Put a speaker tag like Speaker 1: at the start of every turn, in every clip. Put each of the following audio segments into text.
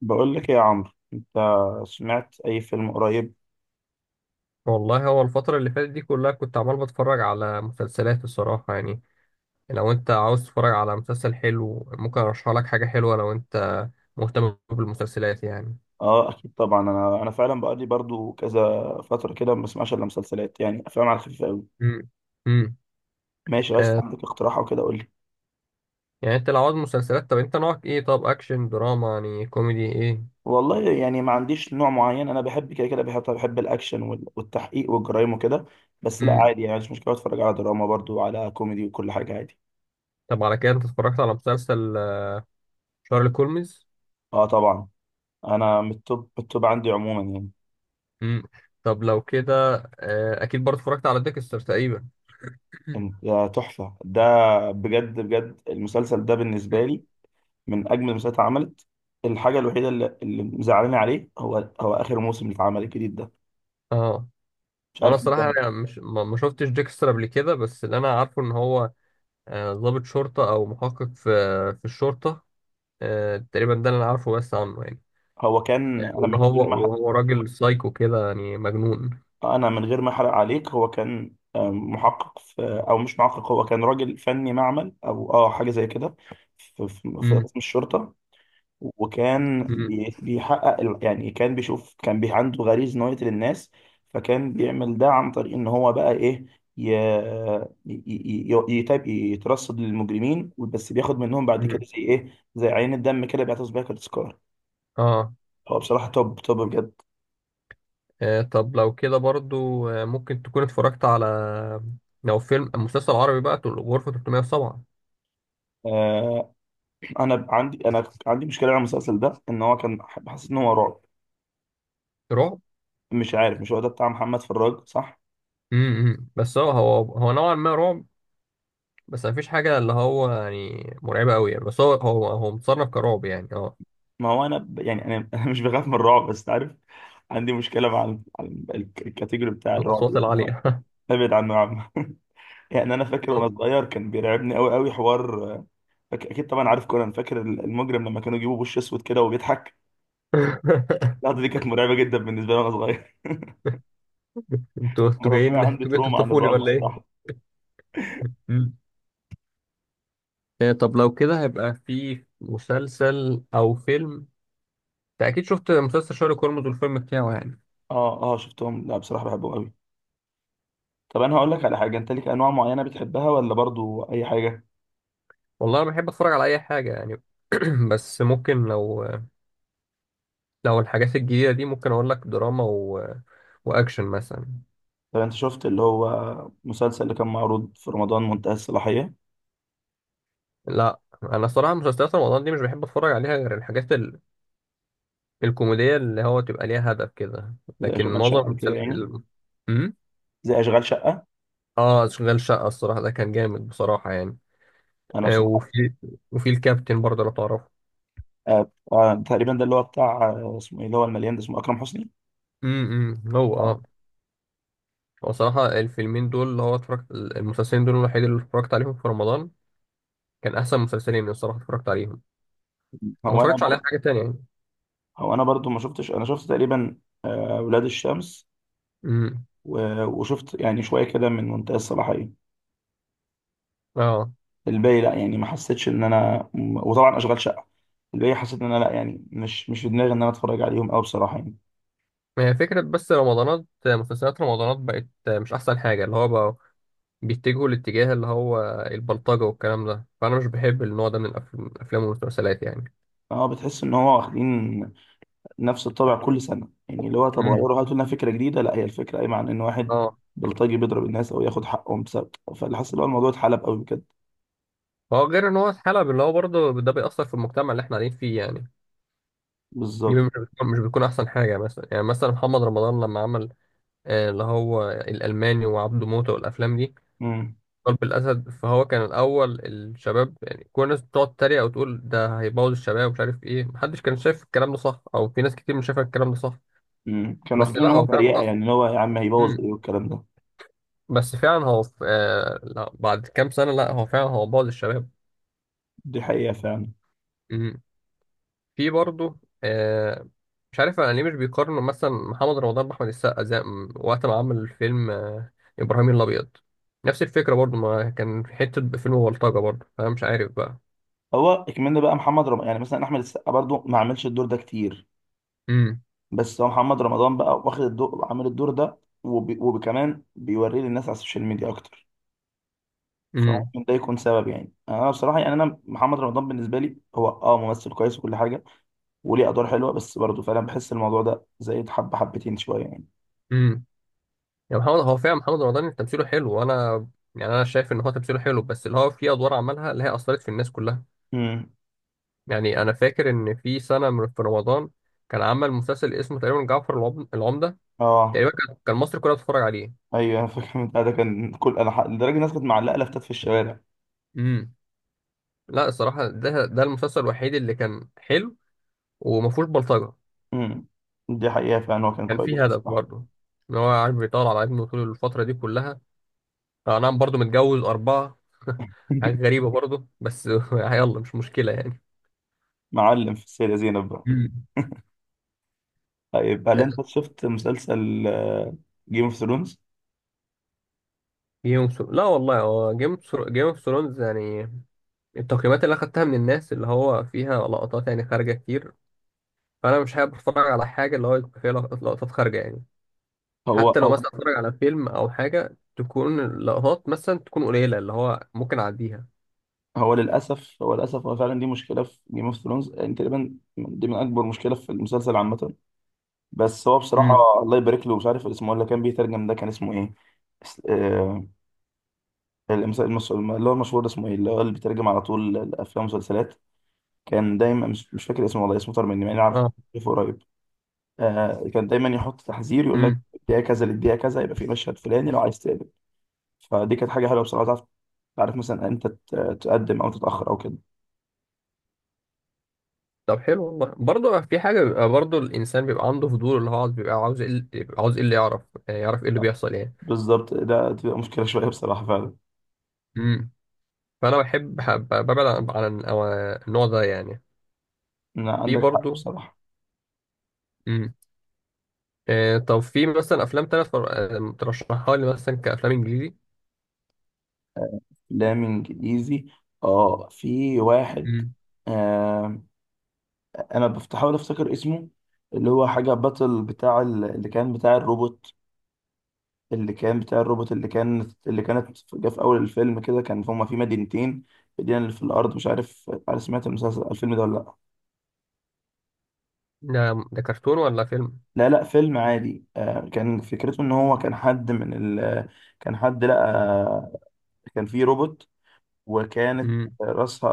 Speaker 1: بقول لك إيه يا عمرو؟ انت سمعت اي فيلم قريب؟
Speaker 2: والله هو الفترة اللي فاتت دي كلها كنت عمال بتفرج على مسلسلات الصراحة يعني. لو انت عاوز تتفرج على مسلسل حلو ممكن ارشح لك حاجة حلوة لو انت مهتم بالمسلسلات يعني.
Speaker 1: اه اكيد طبعا. انا فعلا بقالي برضو كذا فتره كده ما بسمعش الا مسلسلات، يعني افلام على الخفيف قوي.
Speaker 2: امم امم
Speaker 1: ماشي، عايز
Speaker 2: آه
Speaker 1: عندك اقتراح او كده قول لي.
Speaker 2: يعني انت لو عاوز مسلسلات، طب انت نوعك ايه؟ طب اكشن، دراما يعني، كوميدي ايه؟
Speaker 1: والله يعني ما عنديش نوع معين، انا بحب كده كده، بحب الاكشن والتحقيق والجرايم وكده. بس لا
Speaker 2: امم
Speaker 1: عادي يعني، مش مشكله اتفرج على دراما، برضو على كوميدي، وكل حاجه عادي.
Speaker 2: طب على كده انت اتفرجت على مسلسل شارلي كولمز؟
Speaker 1: اه طبعا، انا من التوب عندي عموما يعني.
Speaker 2: امم طب لو كده اكيد برضه اتفرجت على ديكستر تقريبا.
Speaker 1: يا تحفه ده، بجد بجد المسلسل ده بالنسبه
Speaker 2: مم.
Speaker 1: لي من اجمل المسلسلات اللي اتعملت. الحاجه الوحيده اللي مزعلاني عليه هو اخر موسم اللي اتعمل الجديد ده.
Speaker 2: اه.
Speaker 1: مش
Speaker 2: هو انا
Speaker 1: عارف انت.
Speaker 2: الصراحة أنا مش ما شفتش ديكستر قبل كده بس اللي انا عارفه ان هو ضابط شرطة أو محقق في الشرطة. تقريبا ده اللي أنا عارفه بس عنه يعني.
Speaker 1: هو كان انا
Speaker 2: وإن
Speaker 1: من
Speaker 2: هو
Speaker 1: غير ما أحرق-
Speaker 2: وهو راجل سايكو كده يعني مجنون.
Speaker 1: انا من غير ما احرق عليك، هو كان محقق في، او مش محقق، هو كان راجل فني معمل او اه حاجه زي كده في
Speaker 2: مم.
Speaker 1: قسم الشرطه.
Speaker 2: مم.
Speaker 1: بيحقق يعني كان بيشوف، كان بي عنده غريزة إن هو يقتل الناس. فكان بيعمل ده عن طريق إن هو بقى إيه، ي... ي... يترصد للمجرمين، بس بياخد منهم بعد
Speaker 2: مم.
Speaker 1: كده زي إيه، زي عين الدم كده، بيعتز بيها كتذكار.
Speaker 2: آه.
Speaker 1: هو بصراحة توب توب بجد.
Speaker 2: آه، طب لو كده برضو ممكن تكون اتفرجت على لو فيلم مسلسل عربي بقى تقول غرفة 307.
Speaker 1: آه، أنا عندي مشكلة على المسلسل ده، إن هو كان، حسيت إن هو رعب.
Speaker 2: رعب.
Speaker 1: مش عارف، مش هو ده بتاع محمد فراج؟ صح؟
Speaker 2: مم. مم. بس هو نوعا ما رعب. بس مفيش حاجة اللي هو يعني مرعبة أوي يعني، بس هو متصنف كرعب يعني، اه.
Speaker 1: ما هو يعني انا انا مش بخاف من الرعب بس عارف عندي مشكله مع الكاتيجوري بتاع الرعب
Speaker 2: الأصوات
Speaker 1: ده يعني.
Speaker 2: العالية.
Speaker 1: ابعد عنه يا عم يعني انا فاكر
Speaker 2: أوه.
Speaker 1: وانا صغير كان بيرعبني قوي قوي حوار. اكيد طبعا عارف كونان، فاكر المجرم لما كانوا يجيبوا وش اسود كده وبيضحك؟ اللحظه دي كانت مرعبه جدا بالنسبه لي وانا صغير.
Speaker 2: انتوا انتوا
Speaker 1: مربيه
Speaker 2: جايين،
Speaker 1: عندي
Speaker 2: انتوا جايين
Speaker 1: تروما عن
Speaker 2: تخطفوني
Speaker 1: الرعب
Speaker 2: ولا ايه؟
Speaker 1: بصراحه.
Speaker 2: مم. إيه، طب لو كده هيبقى في مسلسل او فيلم. انت اكيد شفت مسلسل شارلوك هولمز والفيلم بتاعه يعني.
Speaker 1: اه اه شفتهم، لا بصراحه بحبهم قوي. طب انا هقول لك على حاجه، انت ليك انواع معينه بتحبها ولا برضو اي حاجه؟
Speaker 2: والله انا بحب اتفرج على اي حاجه يعني. بس ممكن لو الحاجات الجديده دي ممكن اقول لك دراما واكشن مثلا.
Speaker 1: طب انت شفت اللي هو مسلسل اللي كان معروض في رمضان منتهى الصلاحيه؟
Speaker 2: لا، انا صراحه مسلسلات رمضان دي مش بحب اتفرج عليها غير الحاجات الكوميديه اللي هو تبقى ليها هدف كده.
Speaker 1: زي
Speaker 2: لكن
Speaker 1: اشغال
Speaker 2: معظم
Speaker 1: شقه وكده
Speaker 2: المسلسلات.
Speaker 1: يعني. زي اشغال شقه.
Speaker 2: اه، اشغال شقه الصراحه ده كان جامد بصراحه يعني.
Speaker 1: انا
Speaker 2: آه،
Speaker 1: بصراحه.
Speaker 2: وفي وفي الكابتن برضه لو تعرفه.
Speaker 1: آه آه تقريبا ده اللي هو بتاع اسمه ايه اللي هو المليان ده، اسمه اكرم حسني.
Speaker 2: هو
Speaker 1: اه.
Speaker 2: اه. هو صراحة الفيلمين دول اللي هو اتفرجت المسلسلين دول الوحيد اللي اتفرجت عليهم في رمضان. كان أحسن مسلسلين الصراحة اتفرجت عليهم. ما
Speaker 1: هو انا
Speaker 2: اتفرجتش على
Speaker 1: برضه،
Speaker 2: حاجة تانية يعني.
Speaker 1: هو انا برضه ما شفتش، انا شفت تقريبا آه ولاد الشمس،
Speaker 2: امم
Speaker 1: وشفت يعني شويه كده من منتهى الصلاحيه.
Speaker 2: اه.
Speaker 1: الباقي لا يعني، ما حسيتش ان انا، وطبعا اشغال شقه، الباقي حسيت ان انا لا يعني، مش في دماغي ان انا اتفرج عليهم قوي بصراحه يعني.
Speaker 2: ما هي فكرة بس رمضانات مسلسلات رمضانات بقت مش أحسن حاجة، اللي هو بقى بيتجهوا لاتجاه اللي هو البلطجة والكلام ده، فأنا مش بحب النوع ده من الأفلام والمسلسلات يعني.
Speaker 1: اه بتحس ان هو واخدين نفس الطابع كل سنه، يعني اللي هو طب
Speaker 2: امم
Speaker 1: غيروا هاتوا لنا فكره جديده، لا هي الفكره قايمه عن ان واحد
Speaker 2: اه،
Speaker 1: بلطجي بيضرب الناس او ياخد حقهم بسبب، فاللي حاسس ان هو الموضوع اتحلب قوي بجد.
Speaker 2: هو غير ان هو اتحلب، اللي هو برضه ده بيأثر في المجتمع اللي احنا قاعدين فيه يعني. دي
Speaker 1: بالظبط.
Speaker 2: مش بتكون احسن حاجه، يعني مثلا، محمد رمضان لما عمل اللي هو الالماني وعبده موته والافلام دي،
Speaker 1: امم
Speaker 2: قلب الاسد، فهو كان الاول الشباب يعني، كل الناس بتقعد تتريق وتقول ده هيبوظ الشباب ومش عارف ايه، محدش كان شايف الكلام ده صح، او في ناس كتير مش شايفه الكلام ده صح.
Speaker 1: كانوا
Speaker 2: بس
Speaker 1: واخدين ان
Speaker 2: لا
Speaker 1: هو
Speaker 2: هو فعلا
Speaker 1: تريقه،
Speaker 2: اصلا.
Speaker 1: يعني اللي هو يا عم هيبوظ
Speaker 2: مم.
Speaker 1: ايه والكلام ده.
Speaker 2: بس فعلا هو في لا بعد كام سنه، لا هو فعلا هو بوظ الشباب.
Speaker 1: دي حقيقه فعلا.
Speaker 2: مم. في برضه. آه مش عارف انا ليه مش بيقارنوا مثلا محمد رمضان باحمد السقا، زي وقت ما عمل فيلم ابراهيم الابيض. نفس الفكره برضه، ما كان في حته فيلم بلطجه برضه، فانا مش عارف بقى.
Speaker 1: هو اكملنا بقى محمد رمضان، يعني مثلا احمد السقا برضو ما عملش الدور ده كتير،
Speaker 2: امم
Speaker 1: بس هو محمد رمضان بقى واخد الدور، عامل الدور ده، وكمان بيوريه للناس على السوشيال ميديا اكتر،
Speaker 2: امم
Speaker 1: فممكن ده يكون سبب يعني. انا بصراحه يعني، انا محمد رمضان بالنسبه لي هو اه ممثل كويس وكل حاجه وليه ادوار حلوه، بس برضه فعلا بحس الموضوع ده زايد حبه حبتين شويه يعني.
Speaker 2: امم يا محمد هو فعلا محمد رمضان تمثيله حلو، وانا يعني انا شايف ان هو تمثيله حلو، بس اللي هو في ادوار عملها اللي هي اثرت في الناس كلها.
Speaker 1: امم
Speaker 2: يعني انا فاكر ان في سنه، من في رمضان كان عمل مسلسل اسمه تقريبا جعفر العمده.
Speaker 1: اه.
Speaker 2: تقريبا كان مصر كلها بتتفرج عليه.
Speaker 1: ايوه انا فاكر من ده، كان كل انا لدرجه الناس كانت معلقه لافتات في الشوارع.
Speaker 2: امم لا الصراحة ده المسلسل الوحيد اللي كان حلو وما فيهوش بلطجة.
Speaker 1: امم. دي حقيقه فعلا، هو كان
Speaker 2: كان
Speaker 1: كويس
Speaker 2: فيه هدف
Speaker 1: بصراحه.
Speaker 2: برضه، ان هو عارف بيطول على ابنه طول الفترة دي كلها. نعم، برضه متجوز أربعة. حاجة غريبة برضه بس، يلا مش مشكلة يعني.
Speaker 1: معلم في السيده زينب بقى.
Speaker 2: مم.
Speaker 1: طيب هل انت شفت مسلسل جيم اوف ثرونز؟
Speaker 2: جيم اوف ثرونز، لا والله هو جيم اوف ثرونز يعني، التقييمات اللي اخدتها من الناس اللي هو فيها لقطات يعني خارجة كتير. فانا مش حابب اتفرج على حاجة اللي هو يبقى فيها لقطات خارجة يعني.
Speaker 1: هو
Speaker 2: حتى لو
Speaker 1: هو
Speaker 2: مثلا اتفرج على فيلم او حاجه تكون اللقطات مثلا تكون قليله اللي هو ممكن اعديها.
Speaker 1: هو للاسف، هو للاسف هو فعلا دي مشكله في جيم اوف ثرونز، تقريبا دي من اكبر مشكله في المسلسل عامه. بس هو بصراحه
Speaker 2: امم
Speaker 1: الله يبارك له، مش عارف اسمه ولا، كان بيترجم ده كان اسمه ايه؟ يعني اللي هو المشهور ده اسمه ايه، اللي هو اللي بيترجم على طول الافلام والمسلسلات. كان دايما، مش فاكر اسمه والله، اسمه طار مني مع اني عارفه،
Speaker 2: اه.
Speaker 1: عارفه قريب. آه، كان دايما يحط تحذير يقول لك
Speaker 2: امم
Speaker 1: الدقيقه كذا للدقيقه كذا يبقى في مشهد فلاني لو عايز تقلب، فدي كانت حاجه حلوه بصراحه. تعرف، تعرف مثلا انت تقدم او تتاخر او كده.
Speaker 2: طب حلو والله، برضه في حاجه، بيبقى برضه الانسان بيبقى عنده فضول اللي هو عاوز، بيبقى عاوز ايه اللي يعرف، يعني يعرف ايه اللي بيحصل يعني.
Speaker 1: بالظبط، ده تبقى مشكله شويه بصراحه فعلا.
Speaker 2: امم فانا بحب ببعد عن النوع ده يعني.
Speaker 1: إن
Speaker 2: في
Speaker 1: عندك حق
Speaker 2: برضه.
Speaker 1: بصراحه.
Speaker 2: امم آه، طب في مثلا افلام تانية ترشحها لي مثلا كافلام انجليزي؟
Speaker 1: آه، افلام انجليزي. اه في واحد،
Speaker 2: امم
Speaker 1: آه، انا بحاول افتكر اسمه، اللي هو حاجه باتل بتاع اللي كان بتاع الروبوت، اللي كان بتاع الروبوت، اللي كان اللي جه في اول الفيلم كده، كان هما في مدينتين، مدينه اللي في الارض. مش عارف، عارف سمعت المسلسل الفيلم ده ولا لا؟
Speaker 2: ده كرتون ولا فيلم؟
Speaker 1: لا لا فيلم عادي. كان فكرته ان هو كان حد من كان حد لقى، كان في روبوت، وكانت
Speaker 2: امم
Speaker 1: راسها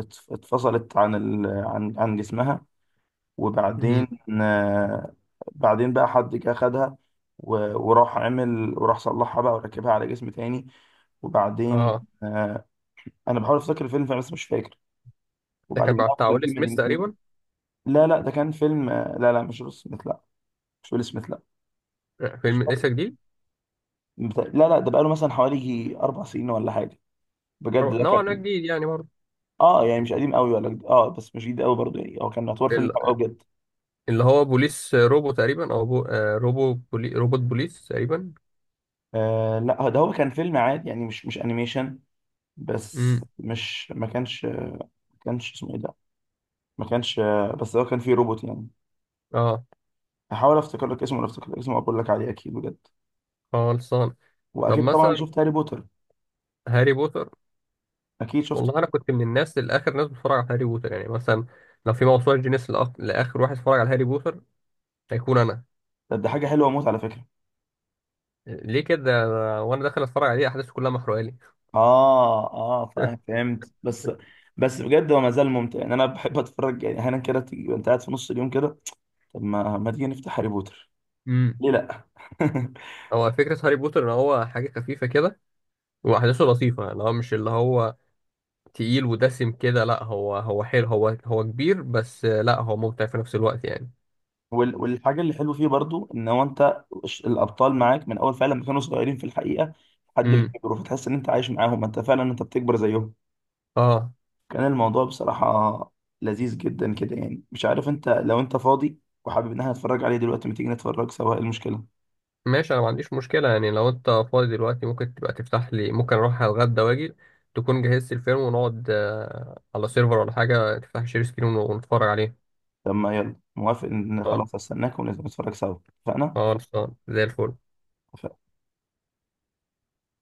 Speaker 1: اتفصلت عن عن جسمها، وبعدين
Speaker 2: امم
Speaker 1: آه، بعدين بقى حد جه خدها، وراح عمل، وراح صلحها بقى وركبها على جسم تاني. وبعدين
Speaker 2: اه.
Speaker 1: آه، انا بحاول افتكر الفيلم فعلا بس مش فاكر.
Speaker 2: ده كان
Speaker 1: وبعدين بقى
Speaker 2: بتاع
Speaker 1: كان
Speaker 2: ويل
Speaker 1: في
Speaker 2: سميث
Speaker 1: مدينتين.
Speaker 2: تقريبا.
Speaker 1: لا لا ده كان فيلم، لا لا مش ويل سميث لا، مش ويل سميث لا. مش
Speaker 2: فيلم
Speaker 1: فاكر.
Speaker 2: لسه جديد.
Speaker 1: لا لا ده بقاله مثلا حوالي يجي اربع سنين ولا حاجه، بجد ده
Speaker 2: نوعا ما
Speaker 1: كان.
Speaker 2: جديد يعني برضه.
Speaker 1: اه يعني مش قديم قوي ولا اه بس مش جديد قوي برضه يعني، هو كان يعتبر فيلم حلو قوي
Speaker 2: ال-
Speaker 1: بجد.
Speaker 2: اللي هو بوليس روبو تقريبا، او بو... آه، روبو بولي... روبوت بوليس تقريبا.
Speaker 1: آه لا ده هو كان فيلم عادي يعني، مش انيميشن.
Speaker 2: امم
Speaker 1: بس مش، ما كانش ما كانش اسمه ايه ده، ما كانش، بس هو كان فيه روبوت يعني.
Speaker 2: اه.
Speaker 1: هحاول افتكر لك اسمه، لو افتكر اسمه اقول لك عليه اكيد بجد.
Speaker 2: خلصان. طب
Speaker 1: واكيد طبعا
Speaker 2: مثلا
Speaker 1: شفت هاري بوتر؟
Speaker 2: هاري بوتر.
Speaker 1: اكيد شفته.
Speaker 2: والله انا كنت من الناس الاخر، ناس بتتفرج على هاري بوتر، يعني مثلا لو في موسوعه جينيس لاخر واحد اتفرج على هاري بوتر هيكون انا.
Speaker 1: ده حاجه حلوه موت على فكره.
Speaker 2: ليه كده؟ وانا داخل اتفرج عليه احداثه كلها محروقه لي.
Speaker 1: اه اه فاهم، فهمت بس. بس بجد هو ما زال ممتع، يعني انا بحب اتفرج يعني احيانا كده تيجي انت قاعد في نص اليوم كده، طب ما تيجي نفتح هاري بوتر،
Speaker 2: امم
Speaker 1: ليه لا؟
Speaker 2: هو فكره هاري بوتر ان هو حاجه خفيفه كده، واحداثه لطيفه، اللي هو مش اللي هو تقيل ودسم كده، لا هو حلو هو كبير بس، لا هو ممتع في نفس الوقت يعني.
Speaker 1: والحاجة اللي حلو فيه برضو ان هو انت الابطال معاك من اول فعلا ما كانوا صغيرين في الحقيقة لحد ما
Speaker 2: امم
Speaker 1: كبروا، فتحس ان انت عايش معاهم، انت فعلا انت بتكبر زيهم.
Speaker 2: اه.
Speaker 1: كان الموضوع بصراحة لذيذ جدا كده يعني. مش عارف انت، لو انت فاضي وحابب ان احنا نتفرج عليه دلوقتي، ما تيجي نتفرج سوا، ايه المشكلة؟
Speaker 2: ماشي، انا ما عنديش مشكله يعني، لو انت فاضي دلوقتي ممكن تبقى تفتح لي، ممكن اروح اتغدى واجي تكون جهزت الفيلم ونقعد على سيرفر ولا حاجه، تفتح شير سكرين ونتفرج عليه.
Speaker 1: طب ما يلا موافق ان،
Speaker 2: خلاص.
Speaker 1: خلاص استناك ونتفرج سوا. اتفقنا.
Speaker 2: خلاص. زي الفل.